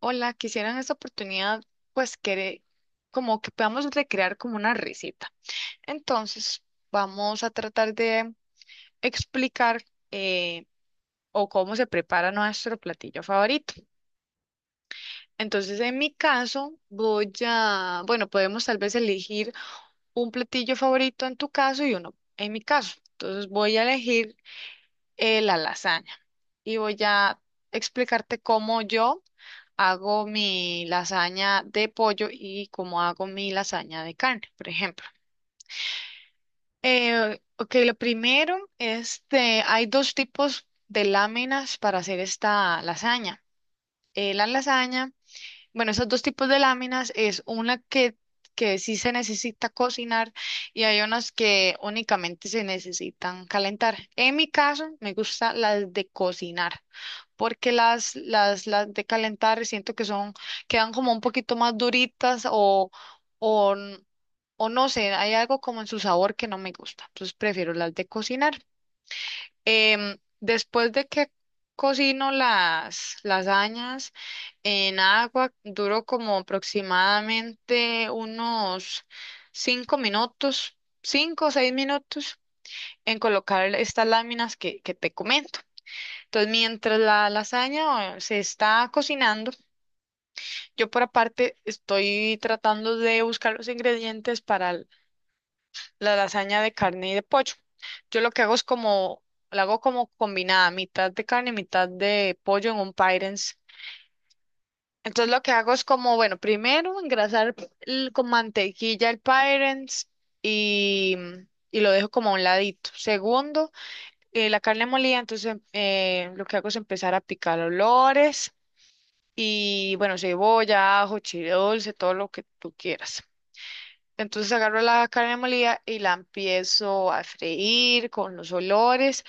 Hola, quisiera en esta oportunidad, pues, como que podamos recrear como una receta. Entonces, vamos a tratar de explicar eh, o cómo se prepara nuestro platillo favorito. Entonces, en mi caso, bueno, podemos tal vez elegir un platillo favorito en tu caso y uno en mi caso. Entonces, voy a elegir la lasaña y voy a explicarte cómo yo hago mi lasaña de pollo y cómo hago mi lasaña de carne, por ejemplo. Ok, lo primero, hay dos tipos de láminas para hacer esta lasaña. La lasaña, bueno, esos dos tipos de láminas es una que sí se necesita cocinar y hay unas que únicamente se necesitan calentar. En mi caso, me gusta las de cocinar porque las de calentar siento que son, quedan como un poquito más duritas o, n- o no sé, hay algo como en su sabor que no me gusta, entonces prefiero las de cocinar. Después de que cocino las lasañas en agua, duro como aproximadamente unos 5 minutos, 5 o 6 minutos en colocar estas láminas que te comento. Entonces, mientras la lasaña se está cocinando, yo por aparte estoy tratando de buscar los ingredientes para la lasaña de carne y de pollo. Yo lo que hago es como, la hago como combinada, mitad de carne y mitad de pollo en un pyrex. Entonces lo que hago es como, bueno, primero engrasar con mantequilla el pyrex y lo dejo como a un ladito. Segundo, la carne molida, entonces lo que hago es empezar a picar olores. Y bueno, cebolla, ajo, chile dulce, todo lo que tú quieras. Entonces agarro la carne molida y la empiezo a freír con los olores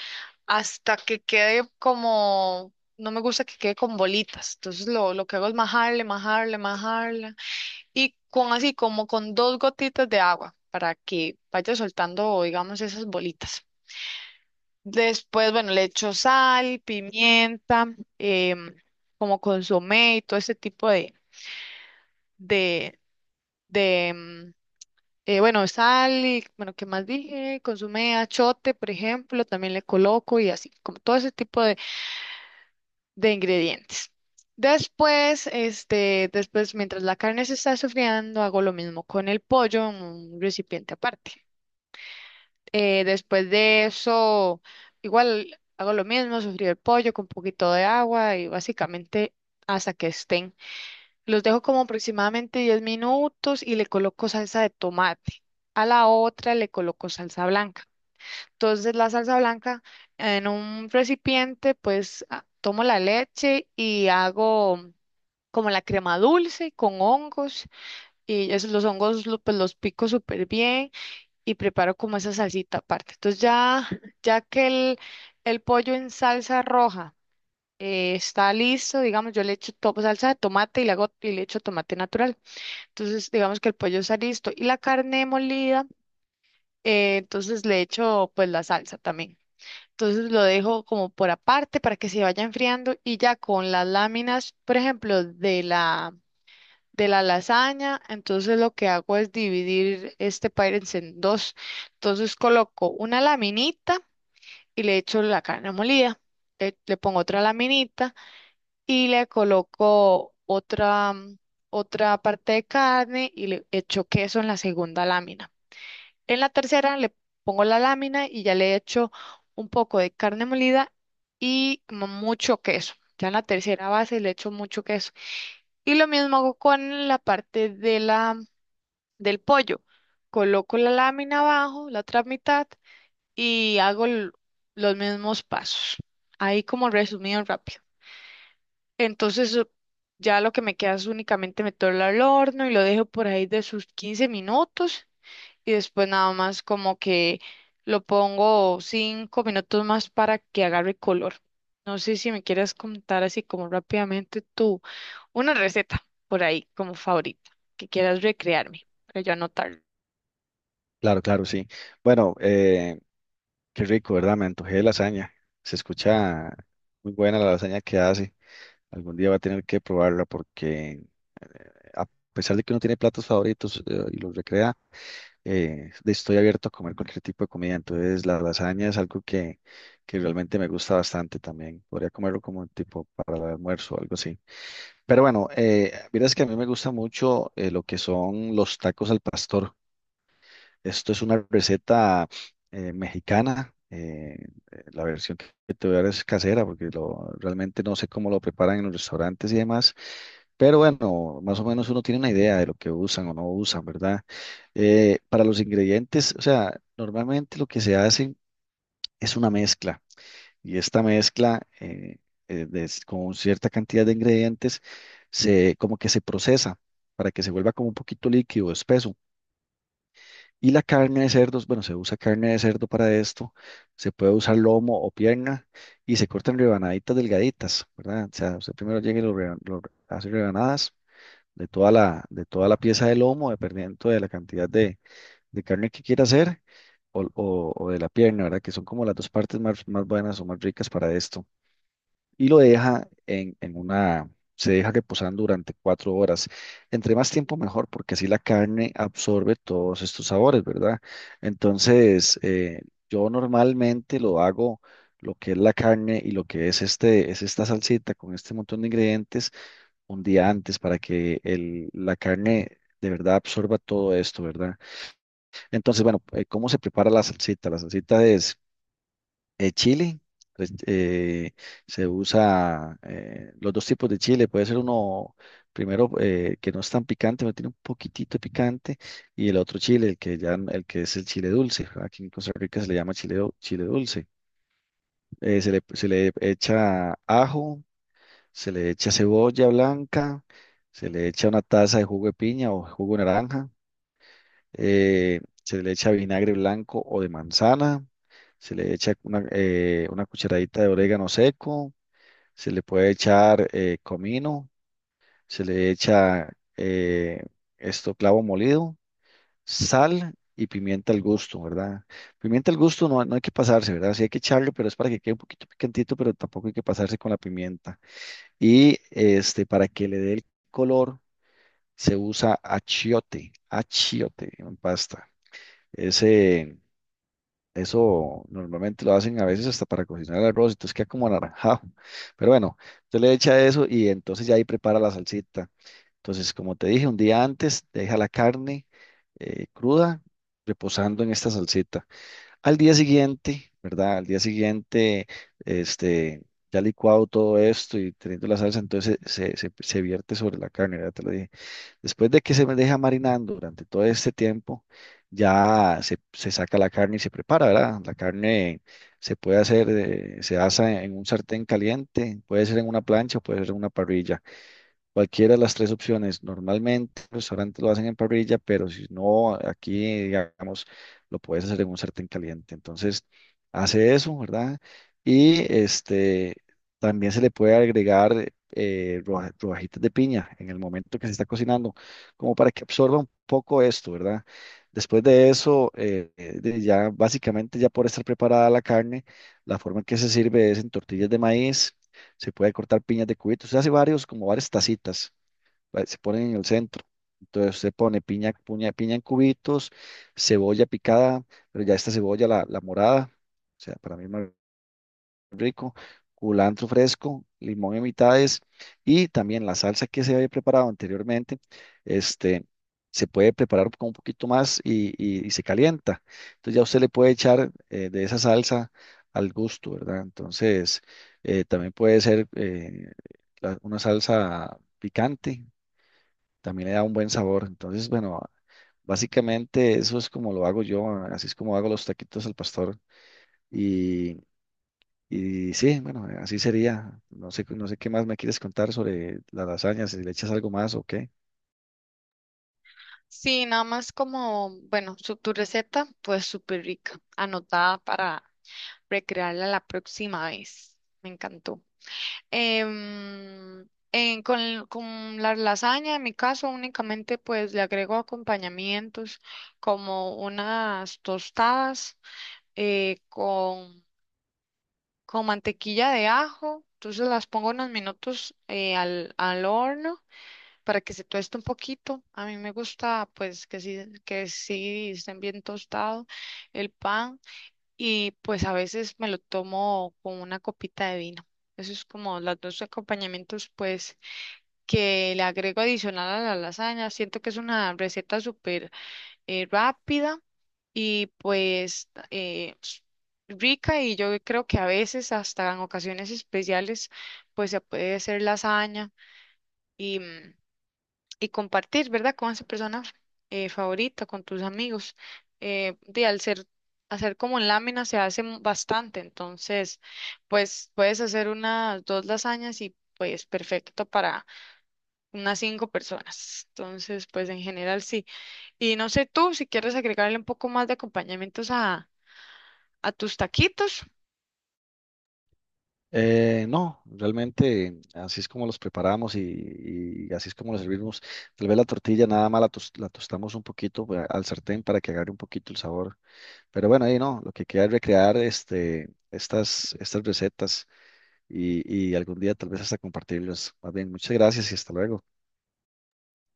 hasta que quede como, no me gusta que quede con bolitas. Entonces lo que hago es majarle, majarle, majarle y con así como con dos gotitas de agua para que vaya soltando, digamos, esas bolitas. Después, bueno, le echo sal, pimienta, em, como consomé y todo ese tipo de, de, bueno, sal y, bueno, ¿qué más dije? Consume achote, por ejemplo, también le coloco y así, como todo ese tipo de ingredientes. Después, mientras la carne se está sofriendo, hago lo mismo con el pollo en un recipiente aparte. Después de eso, igual hago lo mismo, sofrí el pollo con un poquito de agua y básicamente hasta que estén. Los dejo como aproximadamente 10 minutos y le coloco salsa de tomate. A la otra le coloco salsa blanca. Entonces la salsa blanca en un recipiente, pues tomo la leche y hago como la crema dulce con hongos y esos, los hongos pues, los pico súper bien y preparo como esa salsita aparte. Entonces ya, ya que el pollo en salsa roja está listo, digamos, yo le echo salsa de tomate y le hago y le echo tomate natural. Entonces, digamos que el pollo está listo y la carne molida, entonces le echo pues la salsa también. Entonces lo dejo como por aparte para que se vaya enfriando y ya con las láminas, por ejemplo, de la lasaña, entonces lo que hago es dividir este pairense en dos. Entonces coloco una laminita y le echo la carne molida. Le pongo otra laminita y le coloco otra parte de carne y le echo queso en la segunda lámina. En la tercera le pongo la lámina y ya le echo un poco de carne molida y mucho queso. Ya en la tercera base le echo mucho queso. Y lo mismo hago con la parte del pollo. Coloco la lámina abajo, la otra mitad, y hago los mismos pasos. Ahí como resumido rápido. Entonces ya lo que me queda es únicamente meterlo al horno y lo dejo por ahí de sus 15 minutos y después nada más como que lo pongo 5 minutos más para que agarre color. No sé si me quieras contar así como rápidamente tú una receta por ahí como favorita que quieras recrearme para yo anotar. Claro, claro, sí. Bueno, qué rico, ¿verdad? Me antojé de lasaña. Se escucha muy buena la lasaña que hace. Algún día va a tener que probarla porque a pesar de que uno tiene platos favoritos y los recrea, estoy abierto a comer cualquier tipo de comida. Entonces, la lasaña es algo que realmente me gusta bastante también. Podría comerlo como tipo para el almuerzo o algo así. Pero bueno, verás que a mí me gusta mucho lo que son los tacos al pastor. Esto es una receta mexicana. La versión que te voy a dar es casera, porque realmente no sé cómo lo preparan en los restaurantes y demás. Pero bueno, más o menos uno tiene una idea de lo que usan o no usan, ¿verdad? Para los ingredientes, o sea, normalmente lo que se hace es una mezcla. Y esta mezcla con cierta cantidad de ingredientes como que se procesa para que se vuelva como un poquito líquido, espeso. Y la carne de cerdos, bueno, se usa carne de cerdo para esto, se puede usar lomo o pierna y se cortan rebanaditas delgaditas, ¿verdad? O sea, usted primero llega y lo, reba- lo re- hace rebanadas de de toda la pieza de lomo, dependiendo de la cantidad de carne que quiera hacer o de la pierna, ¿verdad? Que son como las dos partes más buenas o más ricas para esto y lo deja en una, se deja reposando durante 4 horas. Entre más tiempo mejor, porque así la carne absorbe todos estos sabores, ¿verdad? Entonces, yo normalmente lo hago, lo que es la carne y lo que es es esta salsita con este montón de ingredientes un día antes para que la carne de verdad absorba todo esto, ¿verdad? Entonces, bueno, ¿cómo se prepara la salsita? La salsita es chile, pues, se usa los dos tipos de chile. Puede ser uno primero que no es tan picante, pero tiene un poquitito de picante, y el otro chile, el que es el chile dulce. Aquí en Costa Rica se le llama chile dulce. Se le echa ajo, se le echa cebolla blanca, se le echa una taza de jugo de piña o jugo de naranja, se le echa vinagre blanco o de manzana, se le echa una cucharadita de orégano seco, se le puede echar comino, se le echa eh, esto clavo molido, sal y pimienta al gusto, ¿verdad? Pimienta al gusto no hay que pasarse, ¿verdad? Sí hay que echarle, pero es para que quede un poquito picantito, pero tampoco hay que pasarse con la pimienta. Y este, para que le dé el color, se usa achiote, achiote en pasta. Ese Eso normalmente lo hacen a veces hasta para cocinar el arroz, entonces queda como anaranjado. Pero bueno, usted le echa eso y entonces ya ahí prepara la salsita. Entonces, como te dije, un día antes deja la carne cruda reposando en esta salsita. Al día siguiente, ¿verdad? Al día siguiente, este, ya licuado todo esto y teniendo la salsa, entonces se vierte sobre la carne, ya te lo dije. Después de que se me deja marinando durante todo este tiempo, se saca la carne y se prepara, ¿verdad? La carne se puede hacer, se asa en un sartén caliente, puede ser en una plancha o puede ser en una parrilla. Cualquiera de las tres opciones. Normalmente los restaurantes lo hacen en parrilla, pero si no, aquí, digamos, lo puedes hacer en un sartén caliente. Entonces, hace eso, ¿verdad? Y este, también se le puede agregar rodajitas de piña en el momento que se está cocinando, como para que absorba un poco esto, ¿verdad? Después de eso, de ya básicamente ya por estar preparada la carne, la forma en que se sirve es en tortillas de maíz. Se puede cortar piñas de cubitos. Usted hace varios, como varias tacitas, ¿vale? Se ponen en el centro. Entonces se pone piña en cubitos, cebolla picada, pero ya esta cebolla, la morada, o sea, para mí rico, culantro fresco, limón en mitades y también la salsa que se había preparado anteriormente, este, se puede preparar con un poquito más y se calienta. Entonces ya usted le puede echar de esa salsa al gusto, ¿verdad? Entonces también puede ser una salsa picante, también le da un buen sabor. Entonces, bueno, básicamente eso es como lo hago yo, así es como hago los taquitos al pastor. Y y sí, bueno, así sería. No sé, no sé qué más me quieres contar sobre las lasañas, si le echas algo más o qué. Sí, nada más como, bueno, tu receta pues súper rica, anotada para recrearla la próxima vez. Me encantó. Em, con la lasaña, en mi caso, únicamente pues le agrego acompañamientos como unas tostadas eh, con, con mantequilla de ajo. Entonces las pongo unos minutos al horno para que se tueste un poquito. A mí me gusta pues que sí estén bien tostado el pan y pues a veces me lo tomo con una copita de vino. Eso es como los dos acompañamientos pues que le agrego adicional a la lasaña. Siento que es una receta súper rápida y pues rica y yo creo que a veces, hasta en ocasiones especiales, pues se puede hacer lasaña y, mm, y compartir, ¿verdad? Con esa persona favorita, con tus amigos. Eh, de al ser, Hacer como en lámina se hace bastante, entonces pues puedes hacer unas dos lasañas y pues perfecto para unas cinco personas. Entonces, pues en general sí. Y no sé tú si quieres agregarle un poco más de acompañamientos a tus taquitos. No, realmente así es como los preparamos y así es como los servimos. Tal vez la tortilla nada más la tostamos un poquito pues, al sartén para que agarre un poquito el sabor. Pero bueno, ahí no, lo que queda es recrear estas recetas y algún día tal vez hasta compartirlas. Más bien, muchas gracias y hasta luego.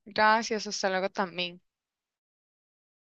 Gracias, hasta luego también.